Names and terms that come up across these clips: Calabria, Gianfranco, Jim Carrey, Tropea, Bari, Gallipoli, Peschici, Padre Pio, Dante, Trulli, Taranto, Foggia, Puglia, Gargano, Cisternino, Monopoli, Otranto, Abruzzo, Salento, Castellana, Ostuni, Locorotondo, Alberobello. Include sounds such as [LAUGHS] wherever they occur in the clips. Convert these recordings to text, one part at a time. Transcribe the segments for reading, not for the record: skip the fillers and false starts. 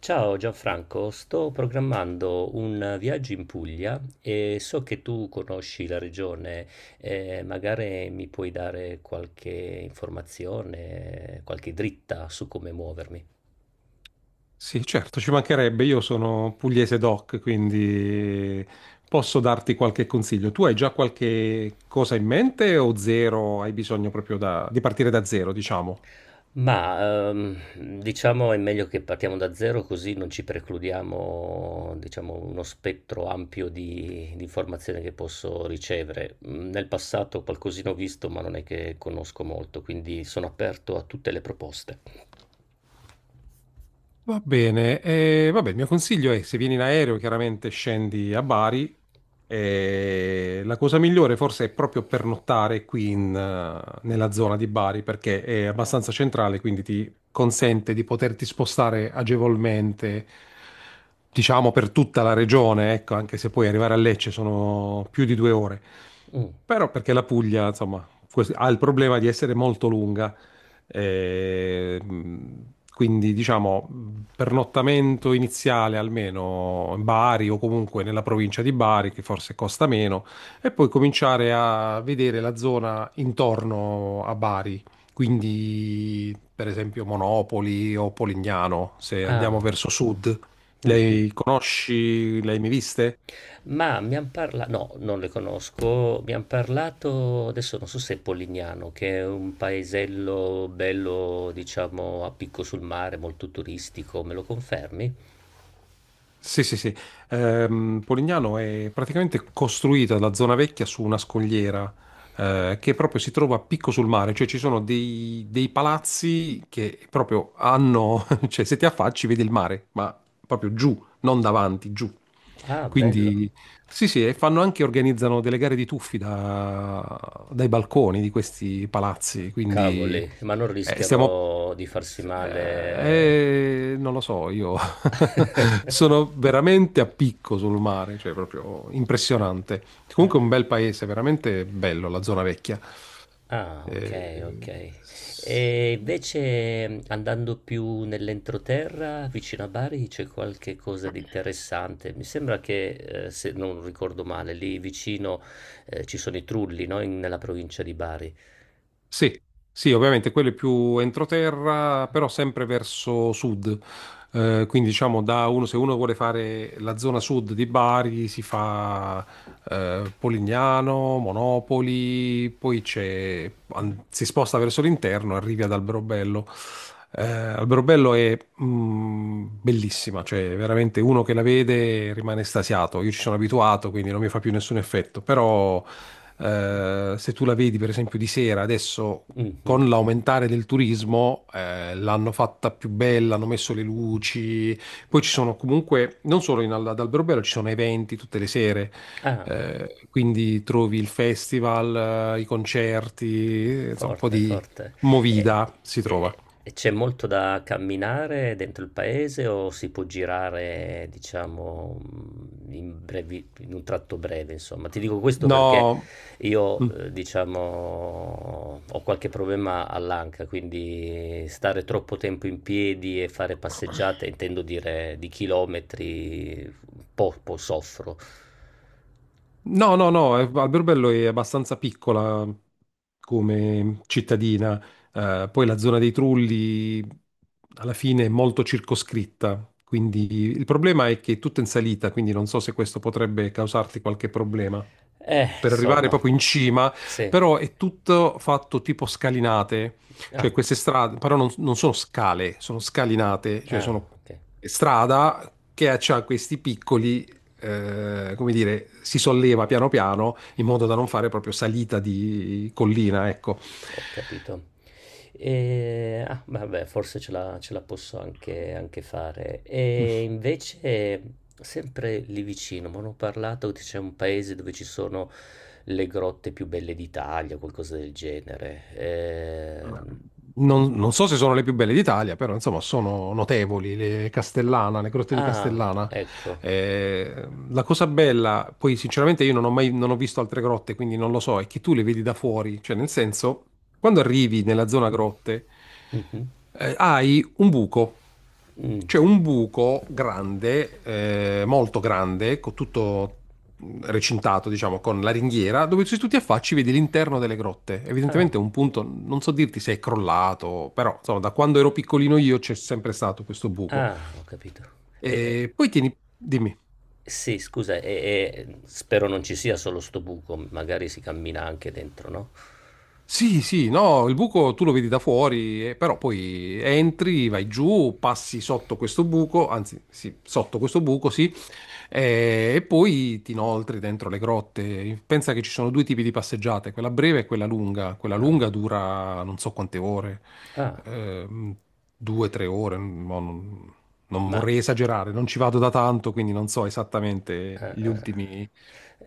Ciao Gianfranco, sto programmando un viaggio in Puglia e so che tu conosci la regione, magari mi puoi dare qualche informazione, qualche dritta su come muovermi. Sì, certo, ci mancherebbe. Io sono pugliese doc, quindi posso darti qualche consiglio. Tu hai già qualche cosa in mente o zero? Hai bisogno proprio di partire da zero, diciamo? Diciamo è meglio che partiamo da zero così non ci precludiamo diciamo, uno spettro ampio di informazioni che posso ricevere. Nel passato qualcosina ho visto ma non è che conosco molto, quindi sono aperto a tutte le proposte. Va bene, vabbè, il mio consiglio è se vieni in aereo chiaramente scendi a Bari e la cosa migliore forse è proprio pernottare qui nella zona di Bari perché è abbastanza centrale, quindi ti consente di poterti spostare agevolmente, diciamo, per tutta la regione, ecco, anche se poi arrivare a Lecce sono più di 2 ore. Mm. Però perché la Puglia, insomma, ha il problema di essere molto lunga. E quindi, diciamo, pernottamento iniziale almeno in Bari o comunque nella provincia di Bari, che forse costa meno, e poi cominciare a vedere la zona intorno a Bari. Quindi, per esempio, Monopoli o Polignano, se andiamo Ah. verso sud. [LAUGHS] Mh-mh. Lei conosci, lei mi viste? Ma mi han parla No, non le conosco. Mi han parlato, adesso non so se è Polignano, che è un paesello bello, diciamo, a picco sul mare, molto turistico. Me lo confermi? Sì, sì, sì. Polignano è praticamente costruita la zona vecchia su una scogliera, che proprio si trova a picco sul mare, cioè ci sono dei palazzi che proprio hanno, [LAUGHS] cioè, se ti affacci vedi il mare, ma proprio giù, non davanti, giù. Ah, bello. Quindi sì, sì, e fanno anche, organizzano delle gare di tuffi dai balconi di questi palazzi, quindi Cavoli, ma non eh, stiamo... rischiano di farsi male? Non lo so, io [LAUGHS] sono veramente a picco sul mare, cioè proprio [LAUGHS] impressionante. Comunque è un bel paese, veramente bello la zona vecchia. Ah, ok, Eh, ok. E invece andando più nell'entroterra, vicino a Bari, c'è qualche cosa di interessante. Mi sembra che, se non ricordo male, lì vicino, ci sono i Trulli, no? Nella provincia di Bari. Sì, sì, ovviamente quello è più entroterra, però sempre verso sud. Quindi diciamo, da uno, se uno vuole fare la zona sud di Bari, si fa Polignano, Monopoli, poi si sposta verso l'interno, arrivi ad Alberobello. Alberobello è bellissima, cioè veramente uno che la vede rimane estasiato. Io ci sono abituato, quindi non mi fa più nessun effetto, però se tu la vedi per esempio di sera, adesso, Mhm. con l'aumentare del turismo, l'hanno fatta più bella, hanno messo le luci, poi ci sono comunque, non solo in, ad Alberobello, ci sono eventi tutte le sere. Ah. Quindi trovi il festival, i concerti, insomma, un po' Forte, di forte. E, movida si trova. e- e c'è molto da camminare dentro il paese o si può girare, diciamo, in un tratto breve, insomma. Ti dico questo perché No, io, mm. Diciamo, ho qualche problema all'anca, quindi stare troppo tempo in piedi e fare passeggiate, intendo dire di chilometri, poco soffro. No, no, no, Alberobello è abbastanza piccola come cittadina, poi la zona dei Trulli alla fine è molto circoscritta, quindi il problema è che è tutta in salita, quindi non so se questo potrebbe causarti qualche problema. Per arrivare Insomma, proprio in cima, sì. però, è tutto fatto tipo scalinate, Ah, cioè queste strade, però non sono scale, sono scalinate, cioè ah, sono ok. strada che ha c'ha questi piccoli, come dire, si solleva piano piano in modo da non fare proprio salita di collina, ecco. Ho capito. E, ah, vabbè, forse ce la posso anche fare. E invece, sempre lì vicino, mi hanno parlato che c'è un paese dove ci sono le grotte più belle d'Italia, qualcosa del genere. Non so se sono le più belle d'Italia, però insomma sono notevoli, le Castellana, le grotte di Ah, Castellana. ecco. La cosa bella, poi, sinceramente, io non ho visto altre grotte, quindi non lo so, è che tu le vedi da fuori, cioè nel senso, quando arrivi nella zona grotte, Mhm, hai un buco. mm. C'è un buco grande, molto grande, con tutto recintato, diciamo, con la ringhiera, dove se tu ti affacci vedi l'interno delle grotte. Ah, Evidentemente è un punto, non so dirti se è crollato, però insomma, da quando ero piccolino io c'è sempre stato questo buco. ah, ho capito. Eh, eh, E poi, tieni, dimmi. sì, scusa, spero non ci sia solo sto buco, magari si cammina anche dentro, no? Sì, sì, no, il buco tu lo vedi da fuori, però poi entri, vai giù, passi sotto questo buco, anzi, sì, sotto questo buco, sì, e poi ti inoltri dentro le grotte. Pensa che ci sono due tipi di passeggiate, quella breve e quella lunga. Quella Ah. lunga dura non so quante ore, Ah. ehm, 2, 3 ore, mo non Ma vorrei esagerare, non ci vado da tanto, quindi non so esattamente eh, gli eh, ultimi.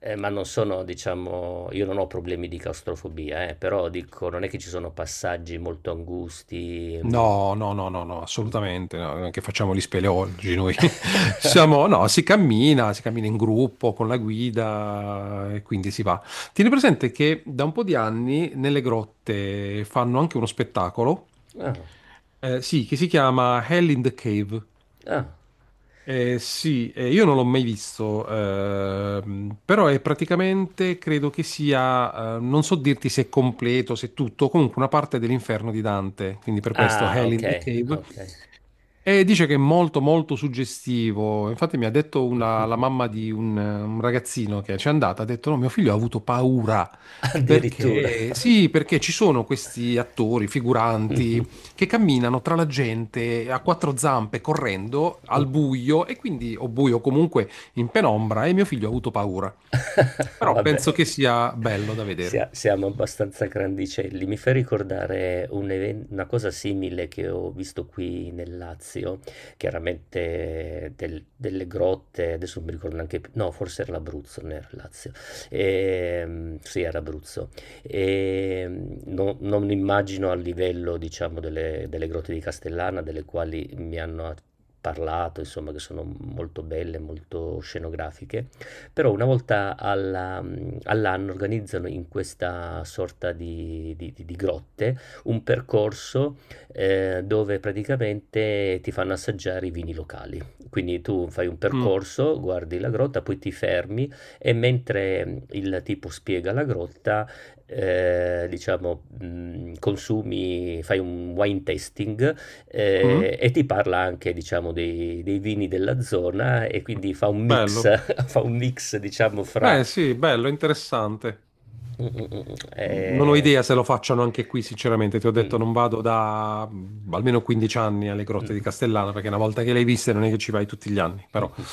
ma non sono, diciamo io non ho problemi di claustrofobia, però dico, non è che ci sono passaggi molto angusti. Mhmm No, no, no, no, no, Mh-mh. assolutamente, no, non è che facciamo gli speleologi noi. [LAUGHS] Siamo, no, si cammina in gruppo con la guida e quindi si va. Tieni presente che da un po' di anni nelle grotte fanno anche uno spettacolo, Ah, sì, che si chiama Hell in the Cave. ah. Sì, io non l'ho mai visto, però è praticamente, credo che sia, non so dirti se è completo, se è tutto, comunque una parte dell'inferno di Dante, quindi per questo Ah, Hell in the okay, Cave, okay. e dice che è molto molto suggestivo. Infatti mi ha detto la mamma [LAUGHS] di un ragazzino che ci è andata, ha detto no, mio figlio ha avuto paura. Addirittura. [LAUGHS] Perché? Sì, perché ci sono questi attori, Mh, figuranti, che camminano tra la gente a quattro zampe, correndo al mh. buio, e quindi, o buio comunque in penombra, e mio figlio ha avuto paura. [LAUGHS] Però Vabbè, penso che sia bello da vedere. Siamo abbastanza grandicelli. Mi fa ricordare una cosa simile che ho visto qui nel Lazio, chiaramente delle grotte, adesso non mi ricordo neanche più, no, forse era l'Abruzzo, non era il Lazio. Sì, era Abruzzo. Non immagino a livello, diciamo, delle grotte di Castellana, delle quali mi hanno parlato, insomma, che sono molto belle, molto scenografiche. Però all'anno organizzano in questa sorta di grotte un percorso dove praticamente ti fanno assaggiare i vini locali. Quindi tu fai un Mm. percorso, guardi la grotta, poi ti fermi e mentre il tipo spiega la grotta, diciamo, consumi, fai un wine tasting Mm. E ti parla anche, diciamo, dei vini della zona, e quindi fa un mix Bello. [LAUGHS] [LAUGHS] fa un mix, diciamo, fra... Beh, sì, bello, interessante. mm, mm, mm, Non ho idea se lo facciano anche qui, sinceramente. Ti ho detto, mm, non vado da almeno 15 anni alle mm, grotte di [LAUGHS] Castellana, perché una volta che le hai viste non è che ci vai tutti gli anni, però. mhm.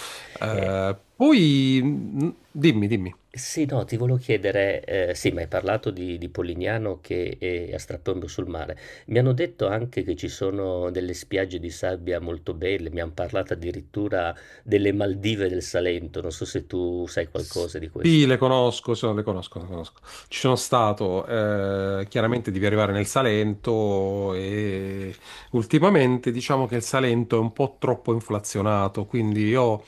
Eh, Poi, dimmi, dimmi. sì, no, ti volevo chiedere, sì, ma hai parlato di Polignano che è a strapiombo sul mare. Mi hanno detto anche che ci sono delle spiagge di sabbia molto belle, mi hanno parlato addirittura delle Maldive del Salento, non so se tu sai qualcosa di questo. Sì, le conosco, le conosco, le conosco. Ci sono stato, chiaramente devi arrivare nel Salento e ultimamente diciamo che il Salento è un po' troppo inflazionato, quindi io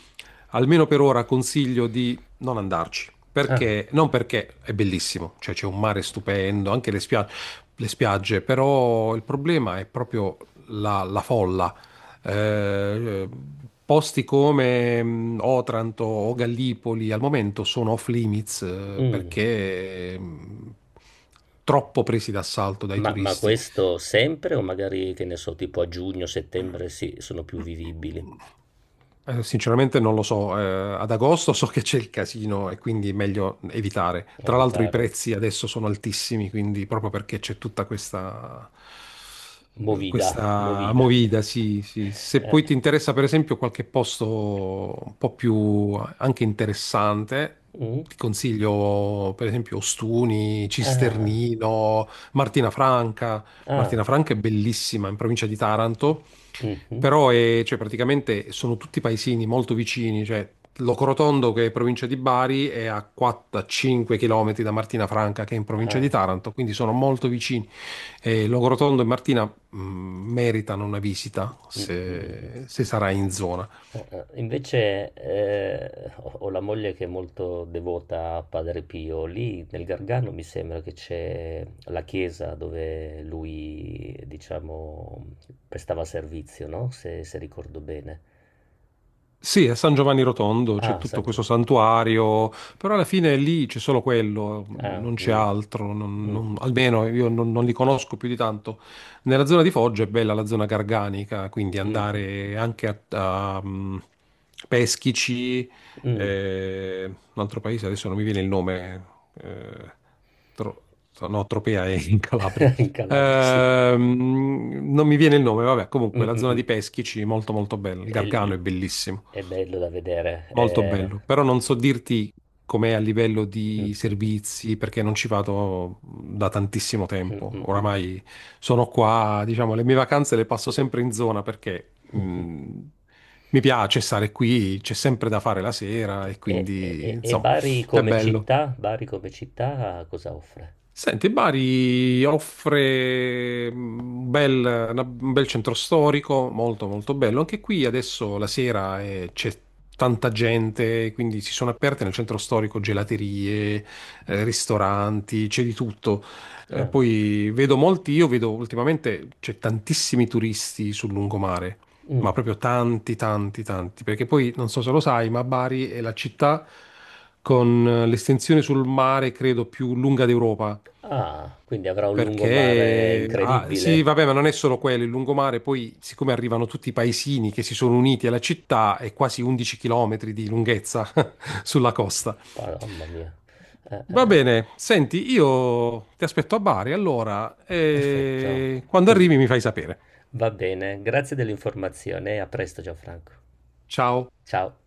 almeno per ora consiglio di non andarci, Ah, perché non, perché è bellissimo, cioè c'è un mare stupendo, anche le le spiagge, però il problema è proprio la folla, eh, posti come Otranto o Gallipoli al momento sono off limits, mm. perché troppo presi d'assalto dai Ma turisti. questo sempre o magari, che ne so, tipo a giugno, settembre sì, sono più vivibili, Sinceramente non lo so, ad agosto so che c'è il casino e quindi è meglio evitare. a Tra l'altro i evitare. prezzi adesso sono altissimi, quindi proprio perché c'è tutta Movida, questa movida. movida, sì, sì. [LAUGHS] Se Eh, poi ti interessa, per esempio, qualche posto un po' più anche interessante, mm, ti consiglio, per esempio, Ostuni, ah, Cisternino, Martina Franca. ah, Martina Franca è bellissima, in provincia di Taranto, mhm, però è, cioè, praticamente sono tutti paesini molto vicini, cioè Locorotondo, che è provincia di Bari, è a 4-5 km da Martina Franca, che è in provincia di ah. Taranto, quindi sono molto vicini, e Longorotondo e Martina meritano una visita Mh, mh, mh, mh. se sarà in zona. Invece ho la moglie che è molto devota a Padre Pio. Lì nel Gargano mi sembra che c'è la chiesa dove lui, diciamo, prestava servizio, no? Se, se ricordo bene. Sì, a San Giovanni Rotondo c'è Ah, tutto San Gio- questo santuario, però alla fine lì c'è solo quello, Ah, non c'è mm, altro, non- mm, non- almeno io non li conosco più di tanto. Nella zona di Foggia è bella la zona garganica, quindi mm, andare anche a Peschici, mm. Un altro paese, adesso non mi viene il nome, eh, Tro- no, Tropea è in Calabria. [LAUGHS] In Calabria, sì. Non mi viene il nome, vabbè, comunque Mm, la mm, zona di mm. Peschici è molto molto bella, il Gargano E- è bellissimo. È bello da vedere. Molto Eh. bello, però non so dirti com'è a livello Mm, mm, di mm. servizi perché non ci vado da tantissimo tempo. Mh-mh-mh. Oramai sono qua, diciamo, le mie vacanze le passo sempre in zona perché Mh-mh. Mi piace stare qui, c'è sempre da fare la sera Okay. e E e quindi, e e insomma, Bari è come bello. città? Bari come città cosa offre? Senti, Bari offre un bel centro storico, molto molto bello. Anche qui adesso la sera c'è tanta gente, quindi si sono aperte nel centro storico gelaterie, ristoranti, c'è di tutto. Eh, Ah, poi vedo molti, io vedo ultimamente c'è tantissimi turisti sul lungomare, mh. ma proprio tanti, tanti, tanti, perché poi non so se lo sai, ma Bari è la città con, l'estensione sul mare, credo, più lunga d'Europa. Ah, quindi avrà un lungomare Perché, ah, sì, incredibile. vabbè, ma non è solo quello, il lungomare, poi siccome arrivano tutti i paesini che si sono uniti alla città, è quasi 11 chilometri di lunghezza [LAUGHS] sulla costa. Pa mamma mia. Va Eh. bene, senti, io ti aspetto a Bari, allora, Perfetto. e quando Cos arrivi mi fai sapere. Va bene, grazie dell'informazione e a presto Gianfranco. Ciao. Ciao.